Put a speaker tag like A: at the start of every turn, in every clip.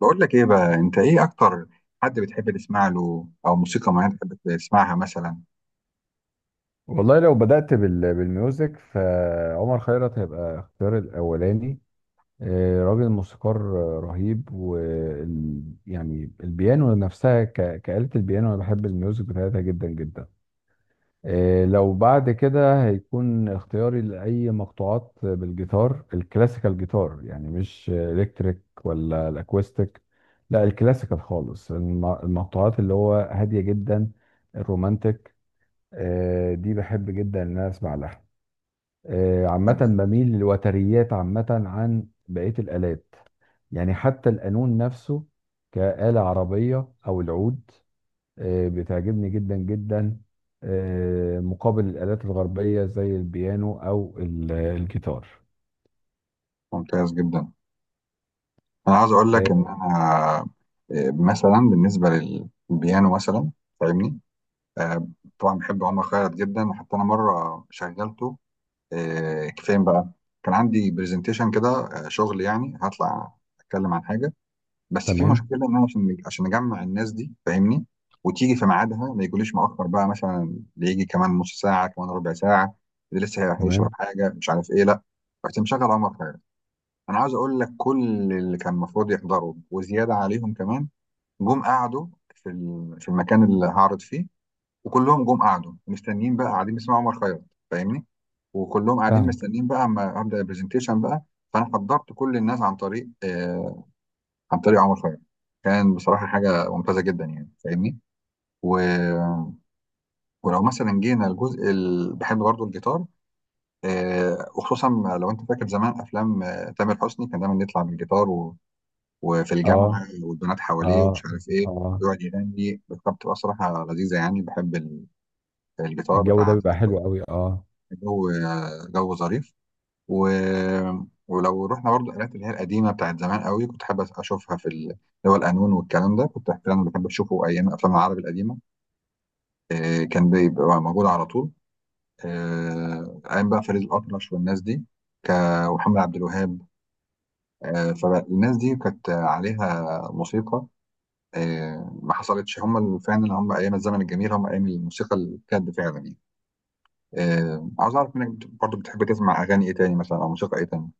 A: بقول لك ايه بقى؟ انت ايه اكتر حد بتحب تسمع له او موسيقى معينه بتحب تسمعها مثلا؟
B: والله لو بدأت بالميوزك فعمر خيرت هيبقى اختيار الأولاني. راجل موسيقار رهيب يعني البيانو نفسها كآلة البيانو، أنا بحب الميوزك بتاعتها جدا جدا. لو بعد كده هيكون اختياري لأي مقطوعات بالجيتار الكلاسيكال، جيتار يعني مش إلكتريك ولا الأكوستيك. لا الكلاسيكال خالص، المقطوعات اللي هو هادية جدا، الرومانتك. دي بحب جدا ان انا اسمع لها. عامة
A: ممتاز.
B: بميل للوتريات عامة عن بقية الآلات. يعني حتى القانون نفسه كآلة عربية، أو العود بتعجبني جدا جدا مقابل الآلات الغربية زي البيانو أو الجيتار.
A: ممتاز جدا. انا عايز اقول
B: آه،
A: لك ان انا، مثلا بالنسبه للبيانو مثلا، فاهمني؟ آه، طبعا بحب عمر خيرت جدا. حتى انا مره شغلته، فين بقى؟ كان عندي برزنتيشن كده، شغل يعني، هطلع اتكلم عن حاجه. بس في
B: تمام.
A: مشكله ان انا عشان اجمع الناس دي، فاهمني؟ وتيجي في ميعادها، ما يجوليش مؤخر بقى مثلا، اللي يجي كمان نص ساعه، كمان ربع ساعه، اللي لسه هيشرب
B: تمام.
A: حاجه، مش عارف ايه، لا. رحت مشغل عمر خيرت. انا عاوز اقول لك، كل اللي كان المفروض يحضروا وزياده عليهم كمان، جم قعدوا في في المكان اللي هعرض فيه، وكلهم جم قعدوا مستنيين بقى، قاعدين بيسمعوا عمر خيرت، فاهمني؟ وكلهم قاعدين
B: فاهم.
A: مستنيين بقى اما ابدا البرزنتيشن بقى. فانا حضرت كل الناس عن طريق عن طريق عمر خيرت. كان بصراحة حاجة ممتازة جدا يعني، فاهمني؟ و... ولو مثلا جينا الجزء اللي بحب برضه، الجيتار، وخصوصا لو انت فاكر زمان افلام تامر حسني، كان دايما يطلع بالجيتار وفي
B: اه.
A: الجامعة والبنات حواليه
B: اه.
A: ومش عارف ايه،
B: اه.
A: ويقعد يغني. كانت بتبقى صراحة لذيذة يعني. بحب الجيتار
B: الجو ده
A: بتاع
B: بيبقى
A: تامر حسني.
B: حلو قوي، اه.
A: جو جو ظريف. و... ولو رحنا برضو الآلات اللي هي القديمة بتاعت زمان قوي، كنت حابب أشوفها في اللي هو القانون والكلام ده. كنت أحيانا بحب أشوفه أيام أفلام العربي القديمة. كان بيبقى موجود على طول، أيام بقى فريد الأطرش والناس دي، ك... ومحمد عبد الوهاب. فالناس دي كانت عليها موسيقى، ما حصلتش. هم فعلا هم أيام الزمن الجميل، هم أيام الموسيقى الجد فعلا يعني. عاوز أعرف منك، برضو بتحب تسمع أغاني إيه تاني مثلا، أو موسيقى إيه تاني؟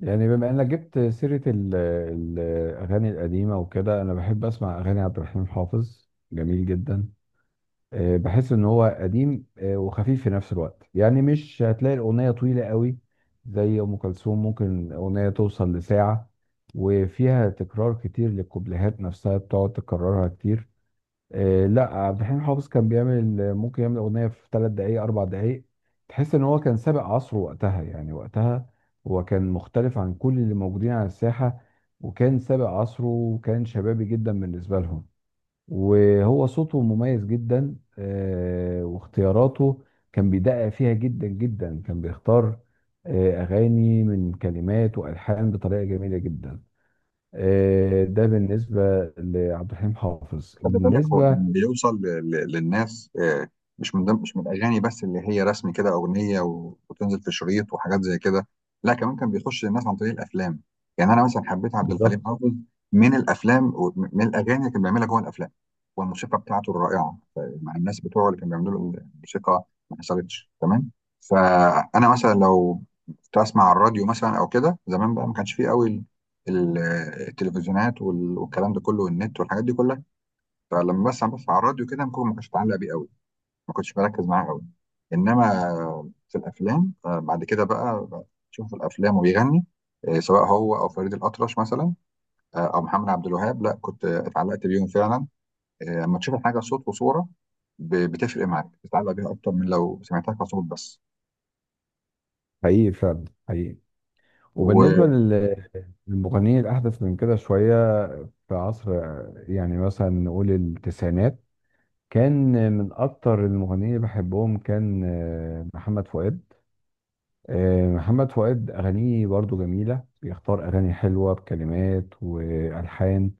B: يعني بما انك جبت سيرة الأغاني القديمة وكده، أنا بحب أسمع أغاني عبد الحليم حافظ، جميل جدا. بحس ان هو قديم وخفيف في نفس الوقت، يعني مش هتلاقي الاغنيه طويله قوي زي ام كلثوم، ممكن اغنيه توصل لساعه، وفيها تكرار كتير للكوبليهات نفسها بتقعد تكررها كتير. لا عبد الحليم حافظ كان بيعمل ممكن يعمل اغنيه في 3 دقائق، 4 دقائق. تحس ان هو كان سابق عصره وقتها، يعني وقتها هو كان مختلف عن كل اللي موجودين على الساحه، وكان سابق عصره وكان شبابي جدا بالنسبه لهم. وهو صوته مميز جدا واختياراته كان بيدقق فيها جدا جدا، كان بيختار أغاني من كلمات وألحان بطريقة جميلة جدا. ده بالنسبة لعبد الحليم حافظ.
A: خلي بالك، هو
B: بالنسبة...
A: اللي بيوصل للناس مش من ضمن، مش من الاغاني بس اللي هي رسمي كده، اغنيه وتنزل في شريط وحاجات زي كده. لا كمان كان بيخش للناس عن طريق الافلام. يعني انا مثلا حبيت عبد الحليم
B: بالظبط.
A: حافظ من الافلام، ومن الاغاني اللي كان بيعملها جوه الافلام، والموسيقى بتاعته الرائعه، مع الناس بتوعه اللي كانوا بيعملوا له الموسيقى، ما حصلتش. تمام. فانا مثلا لو كنت اسمع على الراديو مثلا او كده زمان بقى، ما كانش فيه قوي ال- التلفزيونات والكلام ده كله، والنت والحاجات دي كلها. فلما بس بص على الراديو كده، ممكن ما كنتش متعلق بيه قوي، ما كنتش بركز معاه قوي. انما في الافلام بعد كده بقى، تشوف في الافلام وبيغني، سواء هو او فريد الاطرش مثلا، او محمد عبد الوهاب، لا كنت اتعلقت بيهم فعلا. لما تشوف الحاجه صوت وصوره، بتفرق معاك، بتتعلق بيها اكتر من لو سمعتها كصوت بس.
B: حقيقي فعلا، حقيقي.
A: واه.
B: وبالنسبة للمغنيين الأحدث من كده شوية، في عصر يعني مثلا نقول التسعينات، كان من أكتر المغنيين اللي بحبهم كان محمد فؤاد. محمد فؤاد أغانيه برضو جميلة، بيختار أغاني حلوة بكلمات وألحان،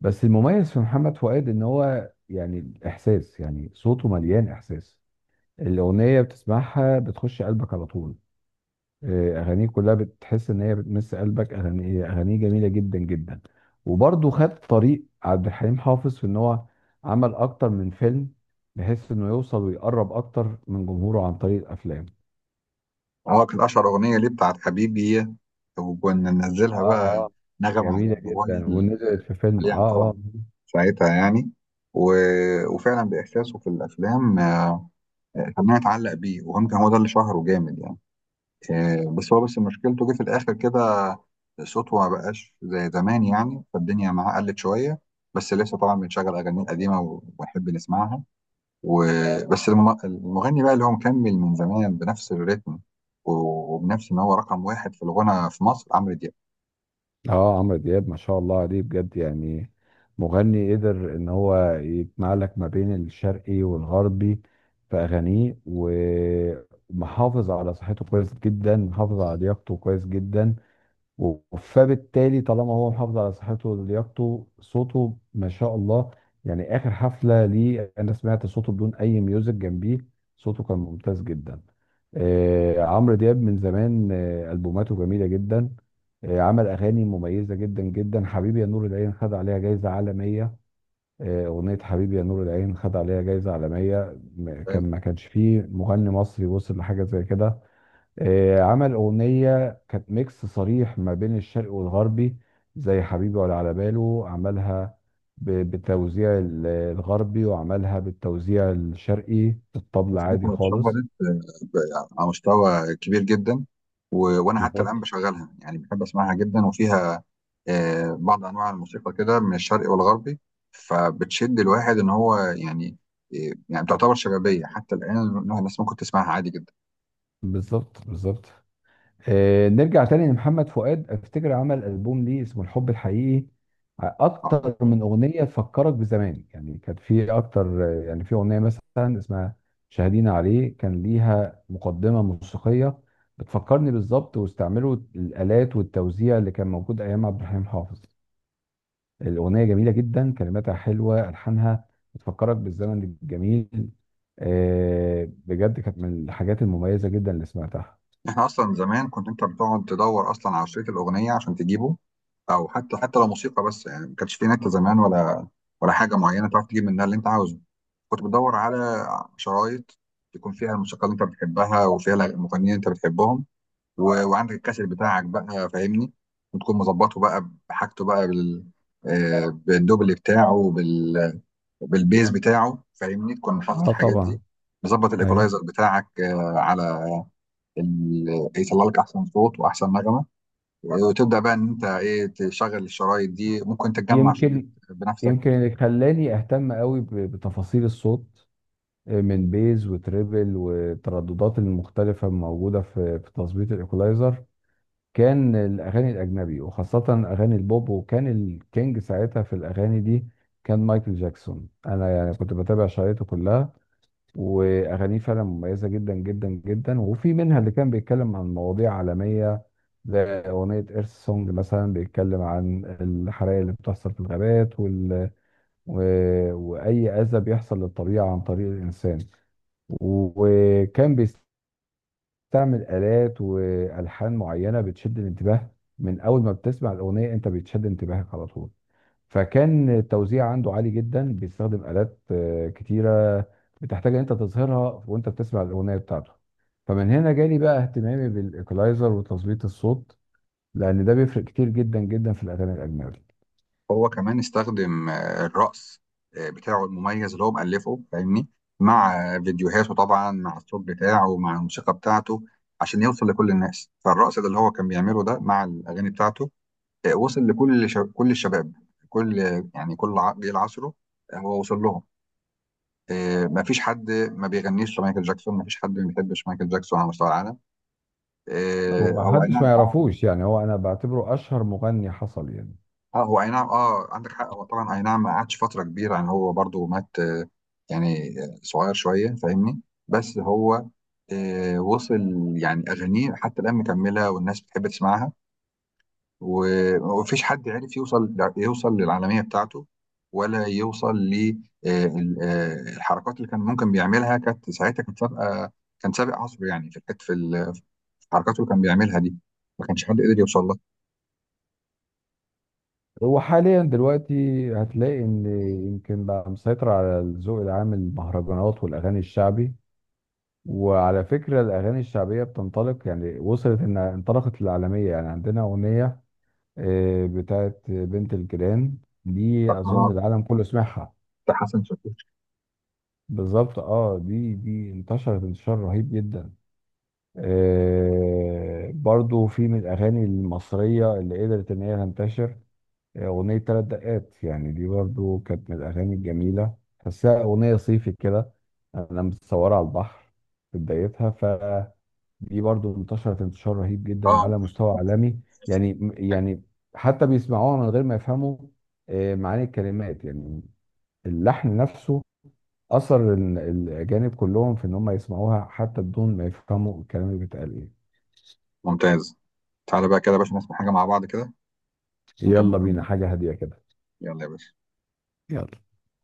B: بس المميز في محمد فؤاد إن هو يعني الإحساس، يعني صوته مليان إحساس، الأغنية بتسمعها بتخش قلبك على طول. أغانيه كلها بتحس إن هي بتمس قلبك، أغاني أغانيه جميلة جدا جدا. وبرضو خد طريق عبد الحليم حافظ في إن هو عمل أكتر من فيلم بحيث إنه يوصل ويقرب أكتر من جمهوره عن طريق الأفلام.
A: كان اشهر اغنيه ليه بتاعت حبيبي، وكنا ننزلها
B: اه.
A: بقى
B: اه.
A: نغم على
B: جميلة
A: الموبايل
B: جدا، ونزلت في فيلم. اه.
A: عليها طبعا،
B: اه.
A: ساعتها يعني. و... وفعلا بإحساسه في الأفلام، خلاني أتعلق بيه. وهم كان هو ده اللي شهره جامد يعني. بس هو بس مشكلته جه في الآخر كده، صوته ما بقاش زي زمان يعني، فالدنيا معاه قلت شوية. بس لسه طبعا بنشغل أغاني القديمة ونحب نسمعها. وبس. المغني بقى اللي هو مكمل من زمان بنفس الريتم، وبنفس إن هو رقم واحد في الغنى في مصر، عمرو دياب.
B: اه، عمرو دياب ما شاء الله عليه بجد، يعني مغني قدر ان هو يجمع لك ما بين الشرقي والغربي في اغانيه ومحافظ على صحته كويس جدا، محافظ على لياقته كويس جدا، فبالتالي طالما هو محافظ على صحته ولياقته صوته ما شاء الله. يعني اخر حفله ليه انا سمعت صوته بدون اي ميوزك جنبيه، صوته كان ممتاز جدا. عمرو دياب من زمان البوماته جميله جدا. عمل اغاني مميزه جدا جدا، حبيبي يا نور العين خد عليها جايزه عالميه. اغنيه حبيبي يا نور العين خد عليها جايزه عالميه. كان ما كانش فيه مغني مصري وصل لحاجه زي كده. عمل أغنية كانت ميكس صريح ما بين الشرقي والغربي، زي حبيبي ولا على باله، عملها بالتوزيع الغربي وعملها بالتوزيع الشرقي الطبل عادي
A: ساعتها اتشهرت
B: خالص.
A: آه، ب- على مستوى كبير جدا. وانا حتى الان
B: بالظبط.
A: بشغلها يعني، بحب اسمعها جدا، وفيها بعض انواع الموسيقى كده من الشرقي والغربي، فبتشد الواحد ان هو يعني، يعني تعتبر شبابيه حتى الان، إنها الناس ممكن تسمعها عادي جدا.
B: بالظبط. بالظبط. نرجع تاني لمحمد فؤاد، افتكر عمل ألبوم ليه اسمه الحب الحقيقي، اكتر من اغنيه تفكرك بزمان، يعني كانت في اكتر، يعني في اغنيه مثلا اسمها شاهدين عليه، كان ليها مقدمه موسيقيه بتفكرني بالظبط، واستعملوا الالات والتوزيع اللي كان موجود ايام عبد الحليم حافظ. الاغنيه جميله جدا، كلماتها حلوه، الحانها بتفكرك بالزمن الجميل. بجد كانت من الحاجات المميزه جدا اللي سمعتها.
A: احنا اصلا زمان كنت انت بتقعد تدور اصلا على شريط الاغنيه عشان تجيبه، او حتى حتى لو موسيقى بس يعني. ما كانش في نت زمان، ولا ولا حاجه معينه تعرف تجيب منها اللي انت عاوزه. كنت بدور على شرايط يكون فيها الموسيقى اللي انت بتحبها، وفيها المغنيين اللي انت بتحبهم. وعندك الكاسيت بتاعك بقى، فاهمني؟ وتكون مظبطه بقى بحاجته بقى، بالدوبل بتاعه، بالبيز بتاعه، فاهمني؟ تكون حافظ
B: اه
A: الحاجات
B: طبعا.
A: دي، مظبط
B: ايوه.
A: الايكولايزر بتاعك على ال... يطلع لك احسن صوت واحسن نغمه، وتبدا بقى ان انت ايه، تشغل الشرايط دي. ممكن تجمع شريط
B: يمكن
A: بنفسك.
B: يمكن اللي خلاني اهتم قوي بتفاصيل الصوت من بيز وتريبل والترددات المختلفه الموجوده في تظبيط الايكولايزر، كان الاغاني الاجنبي وخاصه اغاني البوب، وكان الكينج ساعتها في الاغاني دي كان مايكل جاكسون. انا يعني كنت بتابع شرايطه كلها، واغانيه فعلا مميزه جدا جدا جدا، وفي منها اللي كان بيتكلم عن مواضيع عالميه زي اغنيه ايرث سونج مثلا، بيتكلم عن الحرائق اللي بتحصل في الغابات وأي أذى بيحصل للطبيعة عن طريق الإنسان. وكان بيستعمل آلات وألحان معينة بتشد الانتباه، من أول ما بتسمع الأغنية أنت بتشد انتباهك على طول. فكان التوزيع عنده عالي جدا، بيستخدم آلات كتيرة بتحتاج أن أنت تظهرها وأنت بتسمع الأغنية بتاعته. فمن هنا جالي بقى اهتمامي بالإيكولايزر وتظبيط الصوت، لأن ده بيفرق كتير جدا جدا في الأغاني الأجنبي.
A: هو كمان استخدم الرقص بتاعه المميز اللي هو مألفه، فاهمني؟ مع فيديوهاته طبعا، مع الصوت بتاعه، مع الموسيقى بتاعته، عشان يوصل لكل الناس. فالرقص ده اللي هو كان بيعمله ده مع الأغاني بتاعته، وصل لكل كل الشباب، كل يعني كل جيل عصره، هو وصل لهم. ما فيش حد ما بيغنيش مايكل جاكسون، ما فيش حد ما بيحبش مايكل جاكسون على مستوى العالم.
B: وما
A: او
B: حدش ما
A: انا
B: يعرفوش، يعني هو انا بعتبره اشهر مغني حصل يعني.
A: اه. هو اي نعم، اه عندك حق. هو طبعا اي نعم، ما قعدش فتره كبيره يعني، هو برضو مات يعني صغير شويه، فاهمني؟ بس هو وصل يعني. اغانيه حتى الان مكمله، والناس بتحب تسمعها. ومفيش حد عرف يوصل، يوصل للعالميه بتاعته، ولا يوصل للحركات اللي كان ممكن بيعملها. كانت ساعتها كانت سابقه، كان سابق عصره يعني، في في في الحركات اللي كان بيعملها دي، ما كانش حد قدر يوصل لها.
B: هو حاليا دلوقتي هتلاقي ان يمكن بقى مسيطر على الذوق العام المهرجانات والاغاني الشعبي، وعلى فكره الاغاني الشعبيه بتنطلق، يعني وصلت ان انطلقت للعالميه، يعني عندنا اغنيه بتاعت بنت الجيران، دي اظن
A: آه،
B: العالم كله سمعها.
A: ده حسن شاكوش.
B: بالظبط. اه، دي انتشرت انتشار رهيب جدا. برضو في من الاغاني المصريه اللي قدرت ان هي تنتشر، أغنية 3 دقات، يعني دي برضو كانت من الأغاني الجميلة، تحسها أغنية صيفي كده، أنا متصورة على البحر في بدايتها، فدي برضو انتشرت انتشار رهيب جدا
A: اه.
B: على مستوى عالمي. يعني حتى بيسمعوها من غير ما يفهموا معاني الكلمات، يعني اللحن نفسه أثر الأجانب كلهم في إن هم يسمعوها حتى بدون ما يفهموا الكلام اللي بيتقال إيه.
A: ممتاز. تعالى بقى كده يا باشا نسمع حاجة مع بعض كده، ونكمل
B: يلا بينا
A: كلامنا.
B: حاجة هادية كده.
A: يلا يا باشا.
B: يلا.